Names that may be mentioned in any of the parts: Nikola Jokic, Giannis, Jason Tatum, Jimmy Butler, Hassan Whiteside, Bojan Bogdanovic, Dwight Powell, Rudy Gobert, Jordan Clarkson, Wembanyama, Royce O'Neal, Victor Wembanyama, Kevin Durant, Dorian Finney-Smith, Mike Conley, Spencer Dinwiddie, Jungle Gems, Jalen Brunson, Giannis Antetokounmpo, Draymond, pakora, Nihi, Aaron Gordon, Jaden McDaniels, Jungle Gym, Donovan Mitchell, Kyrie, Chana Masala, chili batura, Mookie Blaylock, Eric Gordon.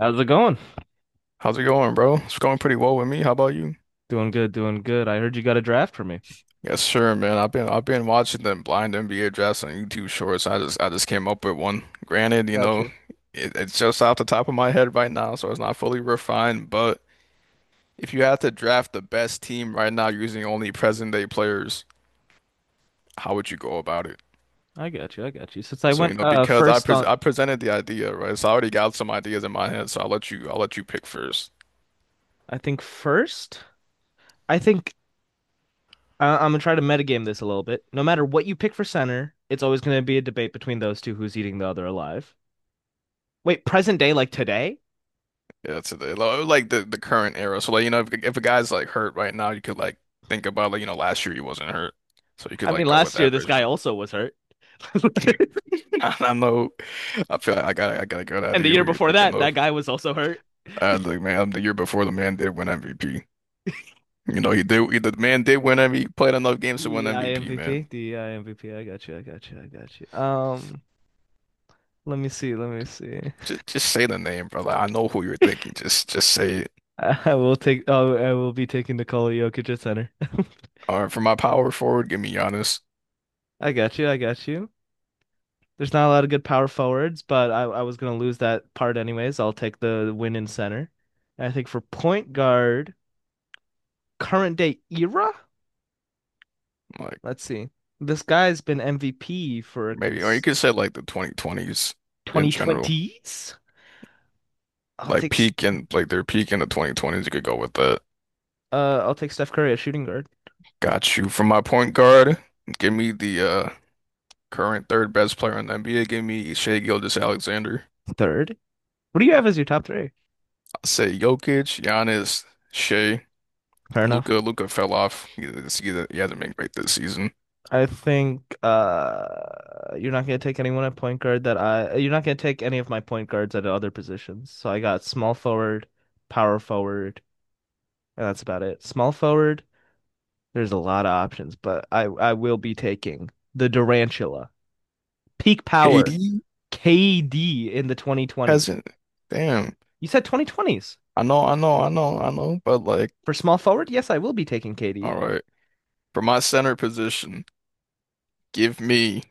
How's it going? How's it going, bro? It's going pretty well with me. How about you? Doing good, doing good. I heard you got a draft for me. Yes, sure, man. I've been watching the blind NBA drafts on YouTube Shorts. I just came up with one. Granted, Got you. it's just off the top of my head right now, so it's not fully refined. But if you had to draft the best team right now using only present day players, how would you go about it? I got you, I got you. Since I So, went because I first pres on, I presented the idea, right? So I already got some ideas in my head. So I'll let you pick first. I think first. I think I'm gonna try to metagame this a little bit. No matter what you pick for center, it's always gonna be a debate between those two who's eating the other alive. Wait, present day like today? Yeah, like the current era. So like if a guy's like hurt right now, you could like think about like last year he wasn't hurt, so you could I mean, like go with last year that this version guy of. also was hurt, I know. I feel like I got a good and the idea year who you're before thinking that, that of. guy was also hurt. I was like, man, the year before the man did win MVP. You know, he did. The man did win MVP. Played enough games to win DEI MVP, MVP, man. I M V P. I got you, I got you, I got you. Let me see, let me see. Just say the name, brother. I know who you're thinking. Just say it. I will take. Oh, I will be taking Nikola Jokic at center. All right, for my power forward, give me Giannis. I got you. I got you. There's not a lot of good power forwards, but I was gonna lose that part anyways. I'll take the win in center. And I think for point guard, current day era. Like Let's see. This guy's been MVP for maybe, or you cons could say like the 2020s in general. 2020s. I'll Like take s- peak and like their peak in the 2020s, you could go with that. I'll take Steph Curry at shooting guard. Got you. For my point guard, give me the current third best player in the NBA. Give me Shea Gilgeous-Alexander. Third. What do you have as your top three? I'll say Jokic, Giannis, Shea, Fair enough. Luca. Luca fell off. He hasn't been great this season. I think you're not gonna take anyone at point guard that I you're not gonna take any of my point guards at other positions. So I got small forward, power forward, and that's about it. Small forward, there's a lot of options, but I will be taking the Durantula. Peak power, KD KD in the 2020s. hasn't. Damn. You said 2020s. I know, I know, I know, I know. But like, For small forward? Yes, I will be taking KD. all right. For my center position, give me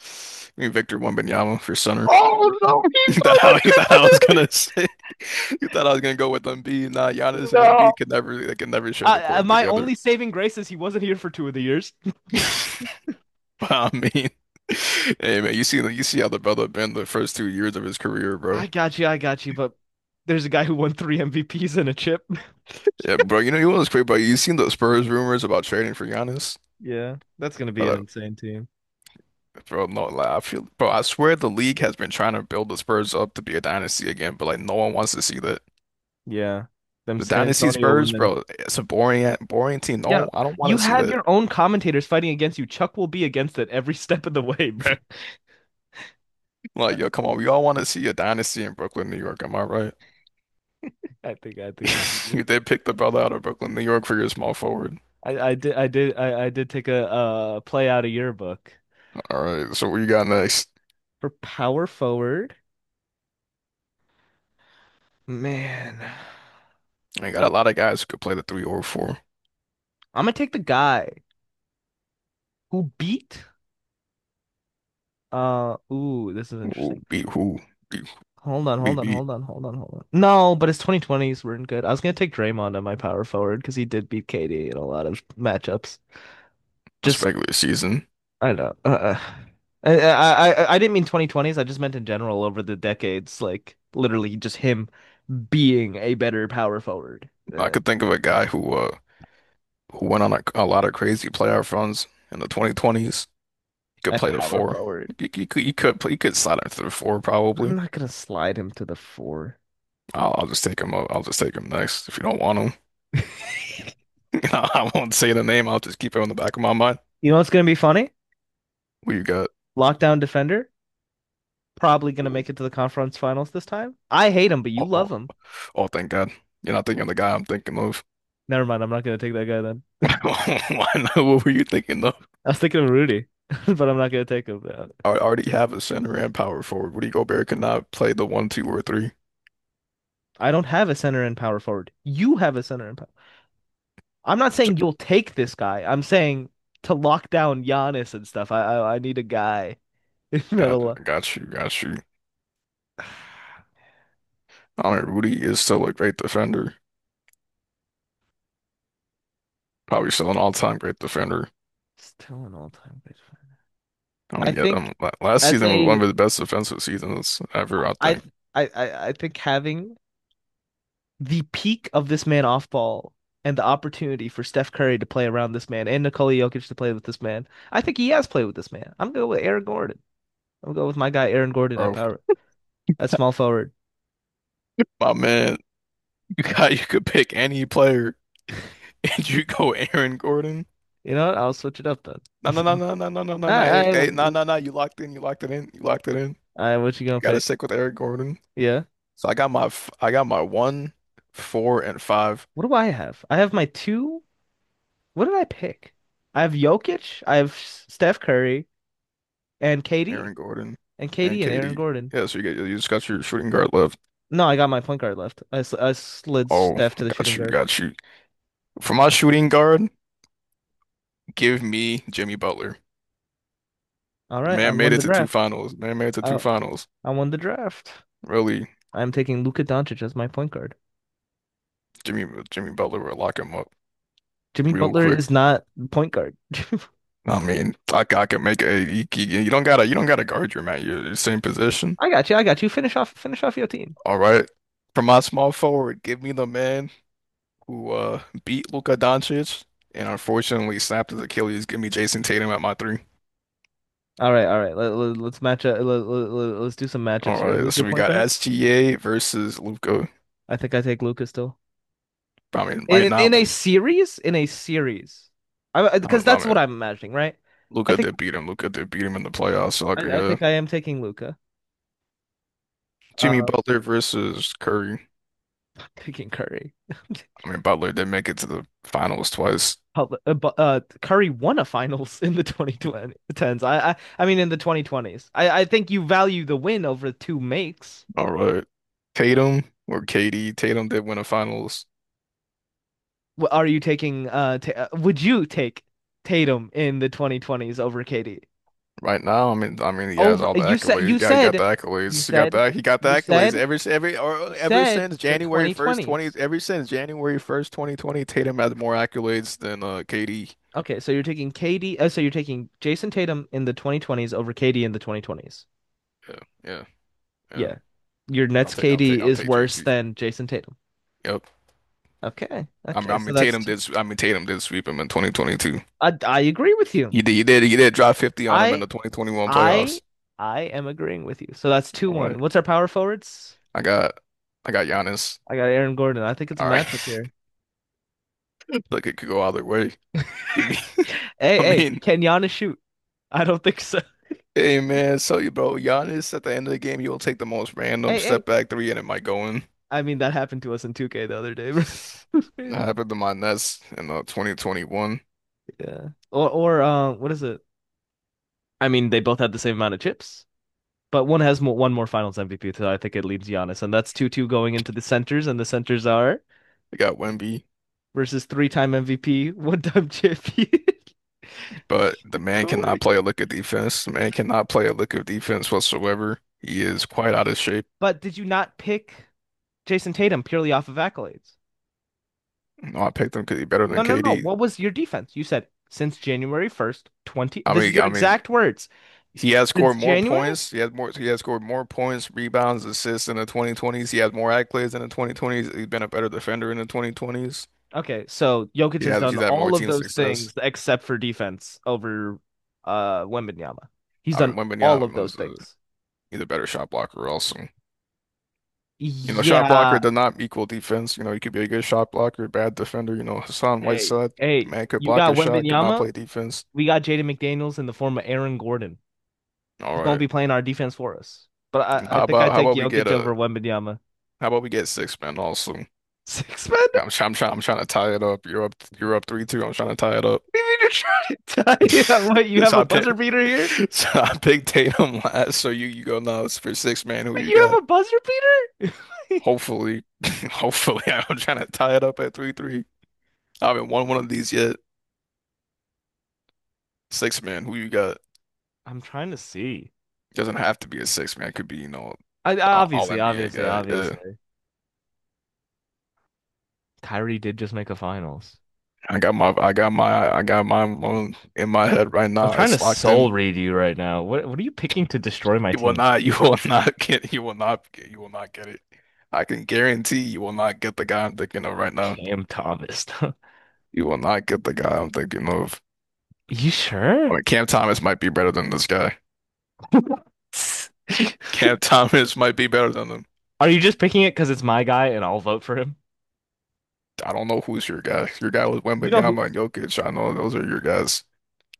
Victor Wembanyama for center. Oh no, he's You thought I was not a gonna say you thought I was gonna go with Embiid. Nah, Giannis and No. Embiid could never they can never share the Uh, uh, court my together. only saving grace is he wasn't here for two of the years. But I mean, hey man, you see how the brother been the first 2 years of his career, bro. I got you, but there's a guy who won three MVPs and a chip. Yeah, bro. You know you was crazy, bro. You seen the Spurs rumors about trading for Giannis, Yeah, that's gonna be an bro? insane team. Like, bro, no, like, I feel, bro. I swear the league has been trying to build the Spurs up to be a dynasty again, but like no one wants to see that. Yeah, them The San dynasty Antonio Spurs, women. bro. It's a boring, boring team. Yeah, No, I don't want you to see have that. your own commentators fighting against you. Chuck will be against it every step of the way, bro. Uh, Like, yo, come on, we all want to see a dynasty in Brooklyn, New York. Am I right? I think we can move You on. did pick the brother out of Brooklyn, New York for your small forward. I did take a play out of your book All right, so what you got next? for power forward. Man, I got a lot of guys who could play the three or four. I'm gonna take the guy who beat ooh, this is Who interesting. beat who? Beat who Hold on, we hold on, beat? hold on, hold on, hold on. No, but his 2020s weren't good. I was gonna take Draymond on my power forward because he did beat KD in a lot of matchups. That's Just regular season. I don't know. Uh. I didn't mean 2020s. I just meant in general over the decades, like literally just him being a better power forward. I Uh, could think of a guy who went on a lot of crazy playoff runs in the 2020s. He could a play the power four. forward. He could slide into the four I'm probably. not gonna slide him to the four. I'll just take him. I'll just take him next. If you don't want him, I won't say the name. I'll just keep it on the back of my mind. You know what's gonna be funny? We've got, Lockdown defender probably gonna oh, make it to the conference finals this time. I hate him, but you love oh, him. oh, thank God. You're not thinking of the guy I'm thinking of. Never mind. I'm not gonna take that guy then. I know. What were you thinking of? I was thinking of Rudy, but I'm not gonna take him. I already have a center and power forward. Rudy Gobert could not play the one, two, or three. I don't have a center and power forward. You have a center and power. I'm not So, saying you'll take this guy. I'm saying to lock down Giannis and stuff. I need a guy that'll. got you, got you. I mean, Rudy is still a great defender. Probably still an all-time great defender. Still an all-time great fan. I I mean, yeah, think last as season was one a of his best defensive seasons ever, I I think. th- I think having the peak of this man off ball, and the opportunity for Steph Curry to play around this man and Nikola Jokic to play with this man. I think he has played with this man. I'm going with Aaron Gordon. I'm going with my guy Aaron Gordon at Bro, power a small forward. my man, you could pick any player, and you go Aaron Gordon. You know what? I'll switch it up then. No, no, no, no, no, no, no, no, no. Hey, I, I, hey, no, no, no. You locked in. You locked it in. You locked it in. What you You gonna got to pick? stick with Eric Gordon. Yeah. So I got my one, four, and five. What do I have? I have my two. What did I pick? I have Jokic, I have Steph Curry, and KD, Aaron Gordon and and KD and Aaron KD. Gordon. Yeah, so you just got your shooting guard left. No, I got my point guard left. I slid Oh, Steph to the shooting got you, guard. got you. For my shooting guard, give me Jimmy Butler. All The right, I man won made the it to two draft. finals. Man made it to two Uh, finals. I won the draft. Really, I'm taking Luka Doncic as my point guard. Jimmy, Jimmy Butler will lock him up Jimmy real Butler quick. is not point guard. I mean, I can make a. You don't gotta guard your man. You're the same position. I got you. I got you. Finish off. Finish off your team. All right. For my small forward, give me the man who beat Luka Doncic and unfortunately snapped his Achilles. Give me Jason Tatum at my three. All right, all right. Let's match up. Let's do some matchups All here. right. Who's your So we point got guard? SGA versus Luka. I think I take Luka still. I mean, might In not. in a series, I I because mean, I that's mean what I'm imagining, right? I Luka think did beat him. Luka did beat him in the playoffs. So like, I, I yeah. think I am taking Luca. Jimmy Uh, Butler versus Curry. taking Curry. I mean, Butler did make it to the finals twice. Hell, Curry won a finals in the 2010s. I mean in the 2020s. I think you value the win over two makes. All right. Tatum or KD. Tatum did win a finals. W- Are you taking ta would you take Tatum in the 2020s over KD? Right now, I mean, he has Over all the accolades. Yeah, he got the you accolades. He got said the he got the you accolades. said you Ever said since the January 1st, twenty. 2020s. Ever since January 1st, 2020, Tatum had more accolades than KD. Okay, so you're taking KD so you're taking Jason Tatum in the 2020s over KD in the 2020s. Yeah, yeah, yeah. Yeah. Your Yeah, I'll Nets take I'll take KD I'll is take worse JT. than Jason Tatum. Yep. Okay. Okay, I mean Tatum did. S- I mean Tatum did sweep him in 2022. I agree with you. He did drop 50 on him in I the 2021 I playoffs. I am agreeing with you. So that's All 2-1. right. What's our power forwards? I got I got Giannis. I got Aaron Gordon. I think it's a All right. matchup here. Look, it could go either way. Give me. Hey, I hey, mean. can Giannis shoot? I don't think so. Hey man, so you bro, Giannis at the end of the game, you'll take the most random Hey, hey, step back three and it might go in. I mean, that happened to us in 2K the other day, bro. It was That crazy. happened to my Nets in 2021. Yeah. Or, what is it? I mean, they both had the same amount of chips, but one has more, one more Finals MVP, so I think it leaves Giannis, and that's 2-2 going into the centers, and the centers are They got Wemby, versus three-time MVP, one-time champion. but the man Cool. cannot play a lick of defense. The man cannot play a lick of defense whatsoever. He is quite out of shape. But did you not pick Jason Tatum purely off of accolades? No, I picked him because he's better No, than no, no. KD. What was your defense? You said since January 1st, 20. I This is mean, your I mean, exact words. he has Since scored more January points. He has scored more points, rebounds, assists in the 2020s. He has more accolades in the 2020s. He's been a better defender in the 2020s. Okay, so Jokic He has has. done He's had more all of team those things success. except for defense over Wembanyama. He's I mean, done all of Wembanyama those was things. either better shot blocker or else. And, shot blocker Yeah. does not equal defense. He could be a good shot blocker, bad defender. Hassan Hey, Whiteside, hey, man, could you block a got shot, could not Wembanyama, play defense. we got Jaden McDaniels in the form of Aaron Gordon. He's All gonna right. be playing our defense for us. But I think I How take about we get Jokic a over Wembanyama. how about we get six men also? Six men? I'm trying to tie it up. You're up 3-2. I'm trying to tie it up. You mean you're trying to tie it up? What, you have So a I buzzer pick, beater here? so I picked Tatum last. So you go nuts for six man. Who Wait, you you got? have a buzzer beater? Hopefully, hopefully I'm trying to tie it up at three three. I haven't won one of these yet. Six-man, who you got? I'm trying to see. Doesn't have to be a six man. It could be, I I- all obviously, NBA obviously, guy. Yeah. obviously. Kyrie did just make a finals. I got my, I got my, I got mine on in my head right I'm now. trying to It's locked in. soul read you right now. What are you picking to destroy my You will team? not, you will not get, you will not get, you will not get it. I can guarantee you will not get the guy I'm thinking of right now. Cam Thomas. You will not get the guy I'm thinking of. You I sure? mean, Cam Thomas might be better than this guy. Cam Thomas might be better than him. Are you just picking it because it's my guy and I'll vote for him? I don't know who's your guy. Your guy was You know who? Wembanyama and Jokic. I know those are your guys.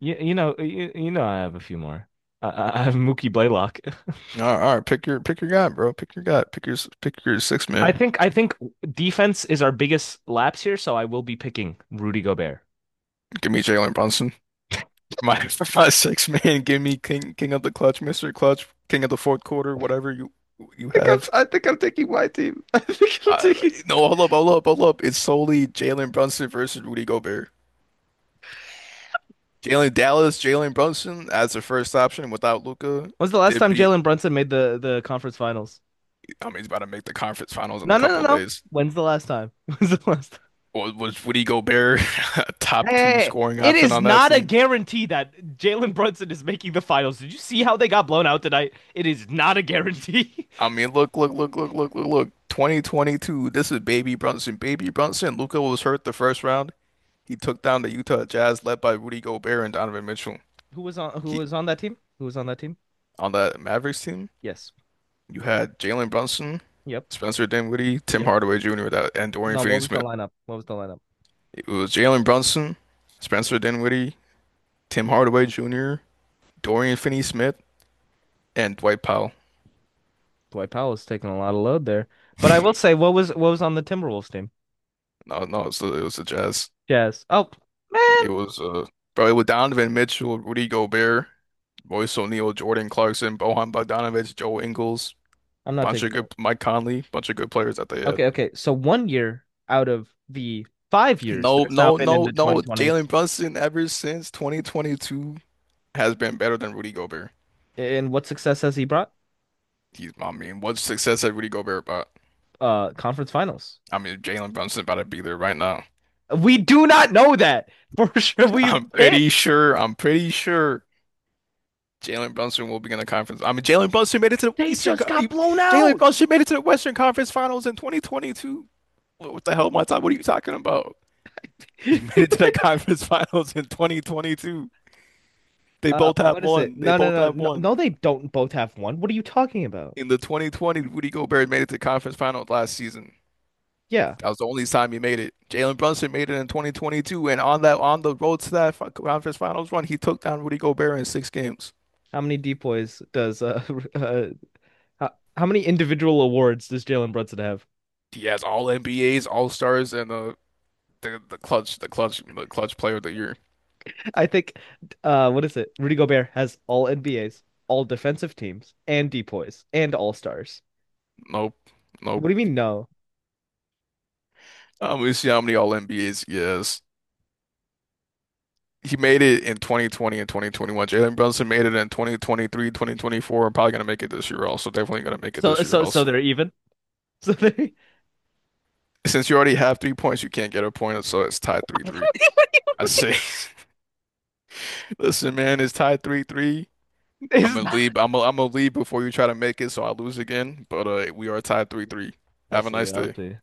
You know you know I have a few more. I have Mookie Blaylock. All right, pick your guy, bro. Pick your guy. Pick your six I man. think defense is our biggest lapse here, so I will be picking Rudy Gobert. Give me Jalen Brunson. My For my six man. Give me King of the Clutch, Mr. Clutch, King of the fourth quarter, whatever you I you think I'm, have. I think I'm taking my team. I think I'm Uh, taking. no, hold up, hold up, hold up. It's solely Jalen Brunson versus Rudy Gobert. Jalen Brunson as the first option without Luca. When's the last Did time beat. Jalen Brunson made the conference finals? I mean, he's about to make the conference finals in a No, no, no, couple of no. days. When's the last time? When's the last time? Was Rudy Gobert a Hey, top hey, two hey. scoring It option is on that not a team? guarantee that Jalen Brunson is making the finals. Did you see how they got blown out tonight? It is not a guarantee. I mean, look, look, look, look, look, look, look. 2022. This is Baby Brunson. Baby Brunson. Luca was hurt the first round. He took down the Utah Jazz, led by Rudy Gobert and Donovan Mitchell. Who was on who He was on that team? Who was on that team? On that Mavericks team, Yes. you had Jalen Brunson, Yep. Spencer Dinwiddie, Tim Yep. Hardaway Jr., that, and Dorian No, what was the Finney-Smith. lineup? What was the lineup? It was Jalen Brunson, Spencer Dinwiddie, Tim Hardaway Jr., Dorian Finney-Smith, and Dwight Powell. Dwight Powell is taking a lot of load there. But I will say, what was on the Timberwolves team? No, no, it was the Jazz. Jazz. Oh man, It was probably with Donovan Mitchell, Rudy Gobert, Royce O'Neal, Jordan Clarkson, Bojan Bogdanovic, Joe Ingles, I'm not bunch taking of good that. Mike Conley, bunch of good players that they had. Okay, okay. So one year out of the 5 years No, that's now no, been in no, the no. 2020s. Jalen Brunson ever since 2022 has been better than Rudy Gobert. And what success has he brought? I mean, what success had Rudy Gobert about? Conference finals. I mean, Jalen Brunson about to be there right now. We do not know that for sure. We I'm can't. pretty sure. I'm pretty sure Jalen Brunson will be in the conference. I mean, Jalen Brunson made it to the They Eastern. just got blown Jalen out. Brunson made it to the Western Conference Finals in 2022. What the hell, my time? What are you talking about? You made it to the conference finals in 2022. They Uh, both have what is it? one. They No, no, both no, have no, one. no. They don't both have one. What are you talking about? In the 2020, Rudy Gobert made it to conference finals last season. Yeah. That was the only time he made it. Jalen Brunson made it in 2022, and on the road to that conference finals run, he took down Rudy Gobert in 6 games. How many depoys does uh how, how many individual awards does Jalen Brunson have? He has all NBAs, All Stars, and the clutch player of the year. I think what is it? Rudy Gobert has all NBAs, all defensive teams, and depoys, and all stars. Nope, What nope. do you mean no? We see how many All NBAs he has. He made it in 2020 and 2021. Jalen Brunson made it in 2023, 2024. I'm probably gonna make it this year also. Definitely gonna make it So this year so so also. they're even. So they Since you already have 3 points, you can't get a point, so it's tied 3-3. I say, listen, man, it's tied 3-3. It's not I'm gonna leave before you try to make it, so I lose again. But we are tied 3-3. I'll Have a see. nice I'll day. see.